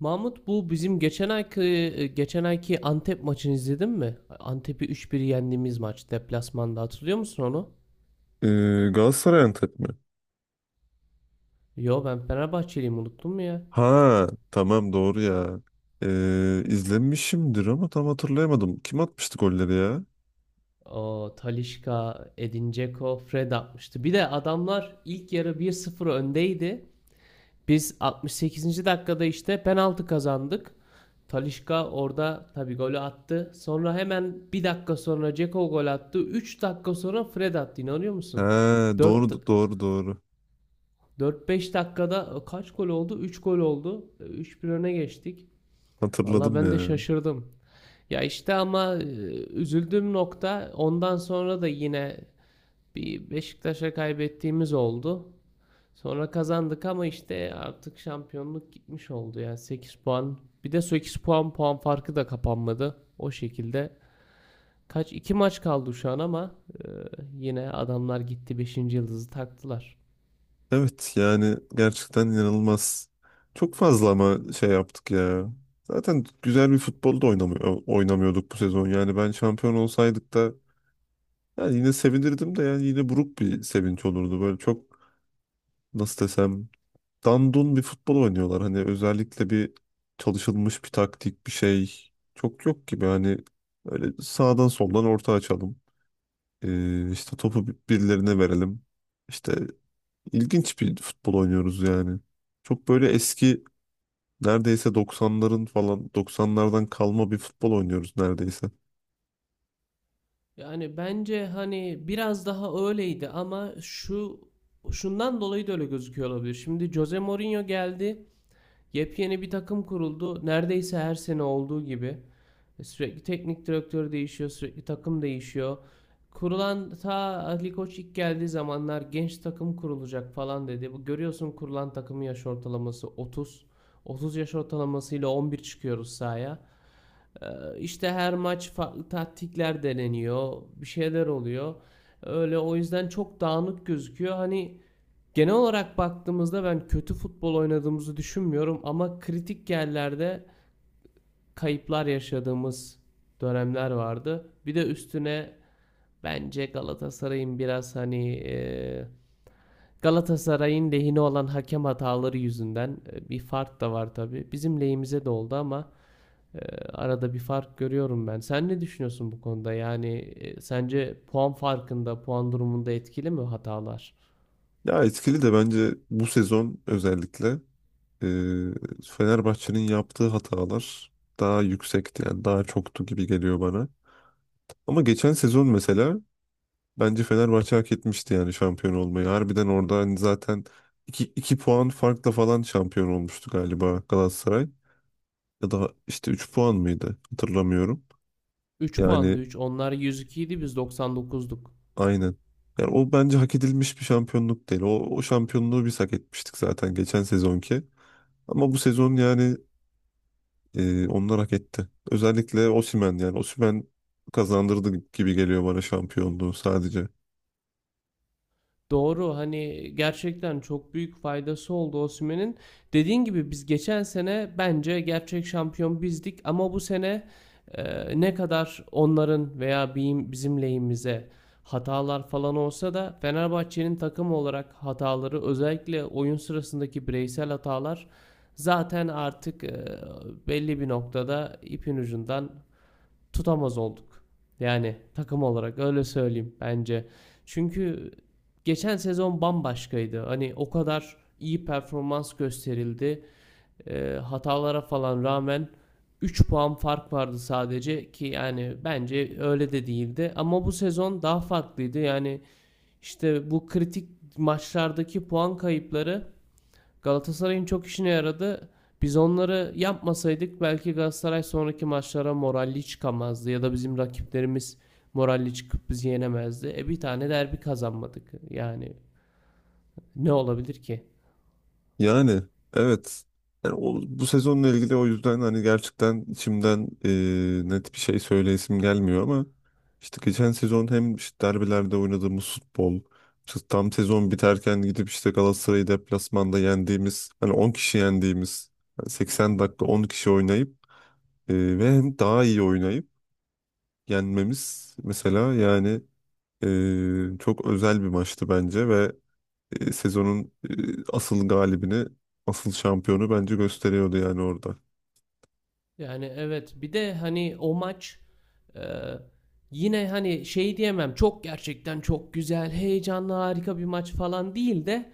Mahmut bu bizim geçen ayki Antep maçını izledin mi? Antep'i 3-1 yendiğimiz maç deplasmanda hatırlıyor musun onu? Ee, Galatasaray Antep mi? Yo, ben Fenerbahçeliyim, unuttum mu ya? Ha, tamam, doğru ya. İzlemişimdir ama tam hatırlayamadım. Kim atmıştı golleri ya? O Talisca, Edin Dzeko, Fred atmıştı. Bir de adamlar ilk yarı 1-0 öndeydi. Biz 68. dakikada işte penaltı kazandık. Talisca orada tabii golü attı. Sonra hemen bir dakika sonra Dzeko gol attı. 3 dakika sonra Fred attı. İnanıyor Ha, musun? 4 doğru doğru doğru. 4-5 dakikada kaç gol oldu? 3 gol oldu. 3-1 öne geçtik. Valla Hatırladım ben de ya. şaşırdım. Ya işte ama üzüldüğüm nokta ondan sonra da yine bir Beşiktaş'a kaybettiğimiz oldu. Sonra kazandık ama işte artık şampiyonluk gitmiş oldu ya. 8 puan. Bir de 8 puan farkı da kapanmadı. O şekilde. Kaç? 2 maç kaldı şu an ama e, yine adamlar gitti beşinci yıldızı taktılar. Evet, yani gerçekten inanılmaz. Çok fazla ama şey yaptık ya. Zaten güzel bir futbol da oynamıyor, oynamıyorduk bu sezon. Yani ben şampiyon olsaydık da yani yine sevinirdim de yani yine buruk bir sevinç olurdu. Böyle çok, nasıl desem, dandun bir futbol oynuyorlar. Hani özellikle bir çalışılmış bir taktik bir şey çok yok gibi. Hani öyle sağdan soldan orta açalım. İşte topu birilerine verelim. İşte ilginç bir futbol oynuyoruz yani. Çok böyle eski, neredeyse 90'ların falan 90'lardan kalma bir futbol oynuyoruz neredeyse. Yani bence hani biraz daha öyleydi ama şundan dolayı da öyle gözüküyor olabilir. Şimdi Jose Mourinho geldi. Yepyeni bir takım kuruldu. Neredeyse her sene olduğu gibi. Sürekli teknik direktör değişiyor, sürekli takım değişiyor. Kurulan ta Ali Koç ilk geldiği zamanlar genç takım kurulacak falan dedi. Bu görüyorsun kurulan takımın yaş ortalaması 30. 30 yaş ortalamasıyla 11 çıkıyoruz sahaya. İşte her maç farklı taktikler deneniyor, bir şeyler oluyor. Öyle o yüzden çok dağınık gözüküyor. Hani genel olarak baktığımızda ben kötü futbol oynadığımızı düşünmüyorum ama kritik yerlerde kayıplar yaşadığımız dönemler vardı. Bir de üstüne bence Galatasaray'ın biraz hani Galatasaray'ın lehine olan hakem hataları yüzünden bir fark da var tabii. Bizim lehimize de oldu ama ee, arada bir fark görüyorum ben. Sen ne düşünüyorsun bu konuda? Yani sence puan farkında, puan durumunda etkili mi hatalar? Ya etkili de bence bu sezon özellikle e, Fenerbahçe'nin yaptığı hatalar daha yüksekti, yani daha çoktu gibi geliyor bana. Ama geçen sezon mesela bence Fenerbahçe hak etmişti yani şampiyon olmayı. Harbiden orada hani zaten iki puan farkla falan şampiyon olmuştu galiba Galatasaray. Ya da işte 3 puan mıydı, hatırlamıyorum. Üç Yani puandı 3. Onlar 102 idi, biz 99'duk. aynen. Yani o bence hak edilmiş bir şampiyonluk değil. O şampiyonluğu biz hak etmiştik zaten, geçen sezonki. Ama bu sezon yani onlar hak etti. Özellikle Osimhen, yani Osimhen kazandırdı gibi geliyor bana şampiyonluğu sadece. Doğru, hani gerçekten çok büyük faydası oldu Osimhen'in. Dediğin gibi biz geçen sene bence gerçek şampiyon bizdik ama bu sene ne kadar onların veya bizim, lehimize hatalar falan olsa da Fenerbahçe'nin takım olarak hataları, özellikle oyun sırasındaki bireysel hatalar zaten artık belli bir noktada ipin ucundan tutamaz olduk. Yani takım olarak öyle söyleyeyim bence. Çünkü geçen sezon bambaşkaydı. Hani o kadar iyi performans gösterildi. Hatalara falan rağmen 3 puan fark vardı sadece ki, yani bence öyle de değildi. Ama bu sezon daha farklıydı. Yani işte bu kritik maçlardaki puan kayıpları Galatasaray'ın çok işine yaradı. Biz onları yapmasaydık belki Galatasaray sonraki maçlara moralli çıkamazdı ya da bizim rakiplerimiz moralli çıkıp bizi yenemezdi. Bir tane derbi kazanmadık. Yani ne olabilir ki? Yani evet. Yani o, bu sezonla ilgili o yüzden hani gerçekten içimden net bir şey söyleyesim gelmiyor ama işte geçen sezon hem işte derbilerde oynadığımız futbol, işte tam sezon biterken gidip işte Galatasaray'ı deplasmanda yendiğimiz, hani 10 kişi yendiğimiz, yani 80 dakika 10 kişi oynayıp ve hem daha iyi oynayıp yenmemiz mesela, yani çok özel bir maçtı bence ve sezonun asıl galibini, asıl şampiyonu bence gösteriyordu yani orada. Yani evet, bir de hani o maç e, yine hani şey diyemem çok, gerçekten çok güzel, heyecanlı, harika bir maç falan değil de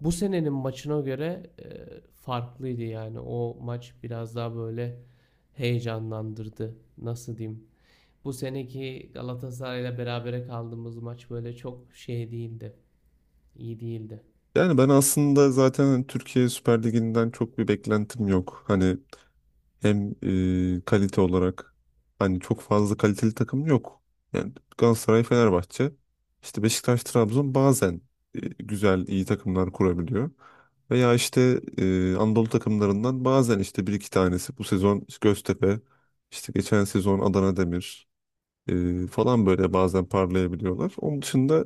bu senenin maçına göre farklıydı. Yani o maç biraz daha böyle heyecanlandırdı. Nasıl diyeyim? Bu seneki Galatasaray'la berabere kaldığımız maç böyle çok şey değildi. İyi değildi. Yani ben aslında zaten Türkiye Süper Ligi'nden çok bir beklentim yok. Hani hem kalite olarak hani çok fazla kaliteli takım yok. Yani Galatasaray, Fenerbahçe, işte Beşiktaş, Trabzon bazen güzel, iyi takımlar kurabiliyor. Veya işte Anadolu takımlarından bazen işte bir iki tanesi, bu sezon Göztepe, işte geçen sezon Adana Demir falan böyle bazen parlayabiliyorlar. Onun dışında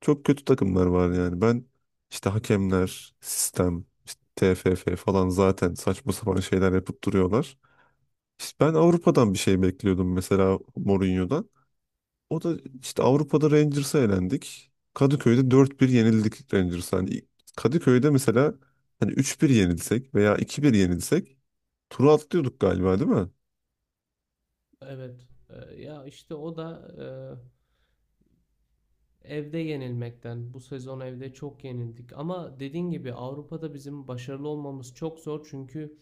çok kötü takımlar var yani. Ben işte hakemler, sistem, işte TFF falan zaten saçma sapan şeyler yapıp duruyorlar. İşte ben Avrupa'dan bir şey bekliyordum mesela, Mourinho'dan. O da işte Avrupa'da Rangers'a elendik. Kadıköy'de 4-1 yenildik Rangers'a. Hani ilk- Kadıköy'de mesela hani 3-1 yenilsek veya 2-1 yenilsek turu atlıyorduk galiba, değil mi? Evet. Ya işte o da e, evde yenilmekten. Bu sezon evde çok yenildik. Ama dediğin gibi Avrupa'da bizim başarılı olmamız çok zor çünkü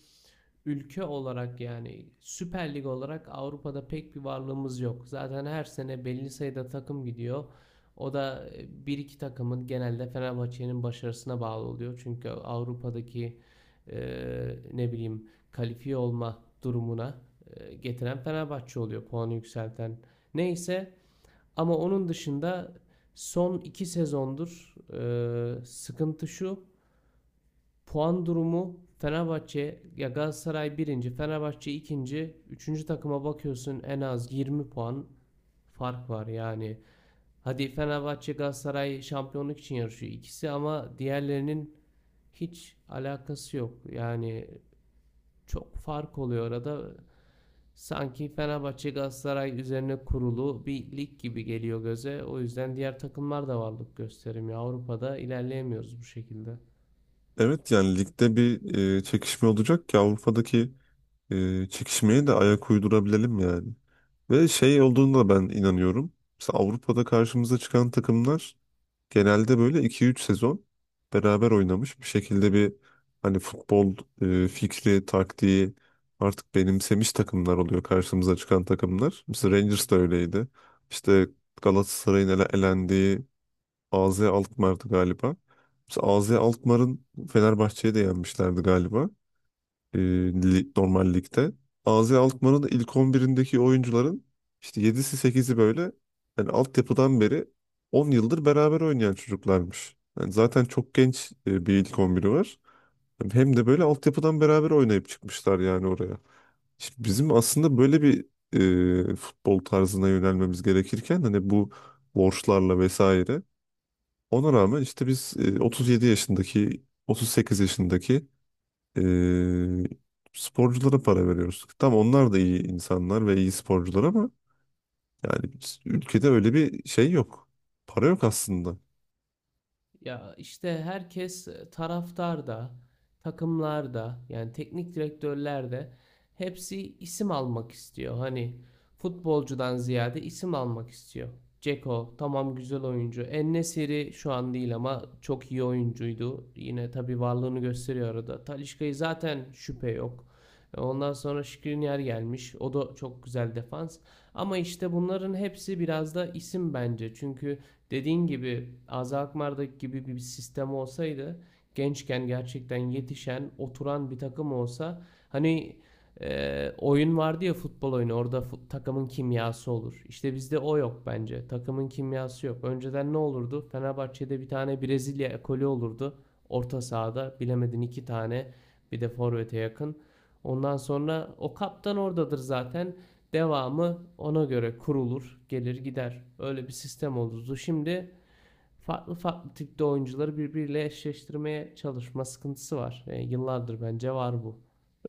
ülke olarak, yani Süper Lig olarak Avrupa'da pek bir varlığımız yok. Zaten her sene belli sayıda takım gidiyor. O da bir iki takımın, genelde Fenerbahçe'nin başarısına bağlı oluyor. Çünkü Avrupa'daki e, ne bileyim kalifiye olma durumuna getiren Fenerbahçe oluyor. Puanı yükselten. Neyse, ama onun dışında son 2 sezondur sıkıntı şu. Puan durumu Fenerbahçe ya Galatasaray birinci, Fenerbahçe ikinci, üçüncü takıma bakıyorsun en az 20 puan fark var yani. Hadi Fenerbahçe Galatasaray şampiyonluk için yarışıyor ikisi ama diğerlerinin hiç alakası yok. Yani çok fark oluyor arada. Sanki Fenerbahçe Galatasaray üzerine kurulu bir lig gibi geliyor göze. O yüzden diğer takımlar da varlık gösterim ya. Avrupa'da ilerleyemiyoruz bu şekilde. Evet, yani ligde bir çekişme olacak ki Avrupa'daki çekişmeye de ayak uydurabilelim yani. Ve şey olduğunda ben inanıyorum. Mesela Avrupa'da karşımıza çıkan takımlar genelde böyle iki üç sezon beraber oynamış bir şekilde bir hani futbol fikri, taktiği artık benimsemiş takımlar oluyor, karşımıza çıkan takımlar. Mesela Rangers da öyleydi. İşte Galatasaray'ın elendiği AZ Alkmaar'dı galiba. Mesela AZ Alkmaar'ın Fenerbahçe'yi de yenmişlerdi galiba, normal ligde. AZ Alkmaar'ın ilk 11'indeki oyuncuların işte 7'si sekizi böyle, yani altyapıdan beri 10 yıldır beraber oynayan çocuklarmış. Yani zaten çok genç bir ilk 11'i var. Yani hem de böyle altyapıdan beraber oynayıp çıkmışlar yani oraya. Şimdi bizim aslında böyle bir futbol tarzına yönelmemiz gerekirken hani bu borçlarla vesaire, ona rağmen işte biz 37 yaşındaki 38 yaşındaki ee, sporculara para veriyoruz. Tam onlar da iyi insanlar ve iyi sporcular ama yani ülkede öyle bir şey yok. Para yok aslında. Ya işte herkes, taraftar da, takımlar, yani teknik direktörlerde hepsi isim almak istiyor. Hani futbolcudan ziyade isim almak istiyor. Ceko tamam, güzel oyuncu. En-Nesyri şu an değil ama çok iyi oyuncuydu. Yine tabii varlığını gösteriyor arada. Talisca'yı zaten şüphe yok. Ondan sonra Skriniar gelmiş. O da çok güzel defans. Ama işte bunların hepsi biraz da isim bence. Çünkü dediğin gibi Aza Akmar'daki gibi bir sistem olsaydı, gençken gerçekten yetişen, oturan bir takım olsa, hani oyun vardı ya, futbol oyunu orada, takımın kimyası olur. İşte bizde o yok bence. Takımın kimyası yok. Önceden ne olurdu? Fenerbahçe'de bir tane Brezilya ekolü olurdu. Orta sahada bilemedin iki tane, bir de forvete yakın. Ondan sonra o kaptan oradadır zaten. Devamı ona göre kurulur, gelir gider. Öyle bir sistem olurdu. Şimdi farklı farklı tipte oyuncuları birbiriyle eşleştirmeye çalışma sıkıntısı var. Yıllardır bence var bu.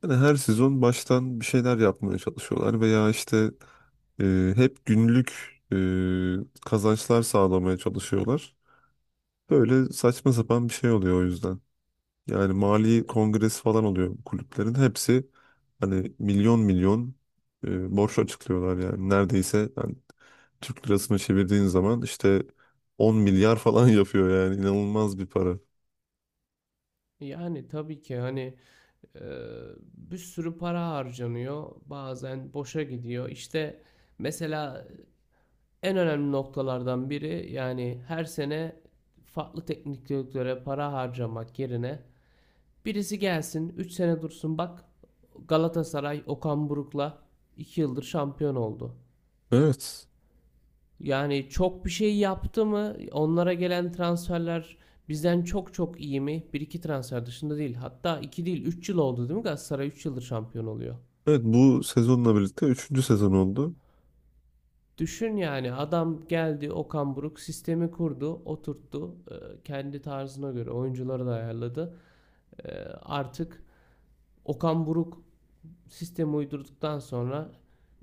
Yani her sezon baştan bir şeyler yapmaya çalışıyorlar veya işte hep günlük kazançlar sağlamaya çalışıyorlar. Böyle saçma sapan bir şey oluyor o yüzden. Yani mali kongresi falan oluyor kulüplerin. Hepsi hani milyon milyon borç açıklıyorlar yani. Neredeyse yani Türk lirasını çevirdiğin zaman işte 10 milyar falan yapıyor yani. İnanılmaz bir para. Yani tabii ki hani e, bir sürü para harcanıyor. Bazen boşa gidiyor. İşte mesela en önemli noktalardan biri, yani her sene farklı teknik direktöre para harcamak yerine birisi gelsin 3 sene dursun. Bak Galatasaray Okan Buruk'la 2 yıldır şampiyon oldu. Evet. Yani çok bir şey yaptı mı? Onlara gelen transferler bizden çok çok iyi mi? Bir iki transfer dışında değil. Hatta 2 değil 3 yıl oldu değil mi? Galatasaray 3 yıldır şampiyon oluyor. Evet, bu sezonla birlikte üçüncü sezon oldu. Düşün yani, adam geldi, Okan Buruk sistemi kurdu, oturttu. Kendi tarzına göre oyuncuları da ayarladı. E, Artık Okan Buruk sistemi uydurduktan sonra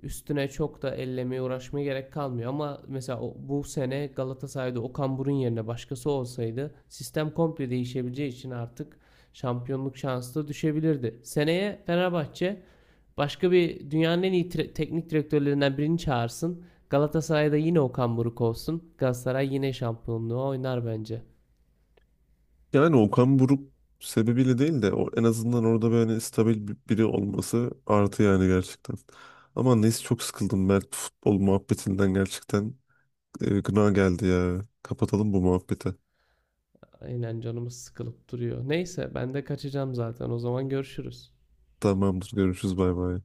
üstüne çok da ellemeye uğraşmaya gerek kalmıyor. Ama mesela bu sene Galatasaray'da Okan Burun yerine başkası olsaydı sistem komple değişebileceği için artık şampiyonluk şansı da düşebilirdi. Seneye Fenerbahçe başka bir dünyanın en iyi teknik direktörlerinden birini çağırsın. Galatasaray'da yine Okan Buruk olsun. Galatasaray yine şampiyonluğu oynar bence. Yani Okan Buruk sebebiyle değil de en azından orada böyle hani, stabil biri olması artı yani, gerçekten. Ama neyse çok sıkıldım ben futbol muhabbetinden gerçekten. Gına geldi ya. Kapatalım bu muhabbeti. Aynen, canımız sıkılıp duruyor. Neyse ben de kaçacağım zaten. O zaman görüşürüz. Tamamdır, görüşürüz, bay bay.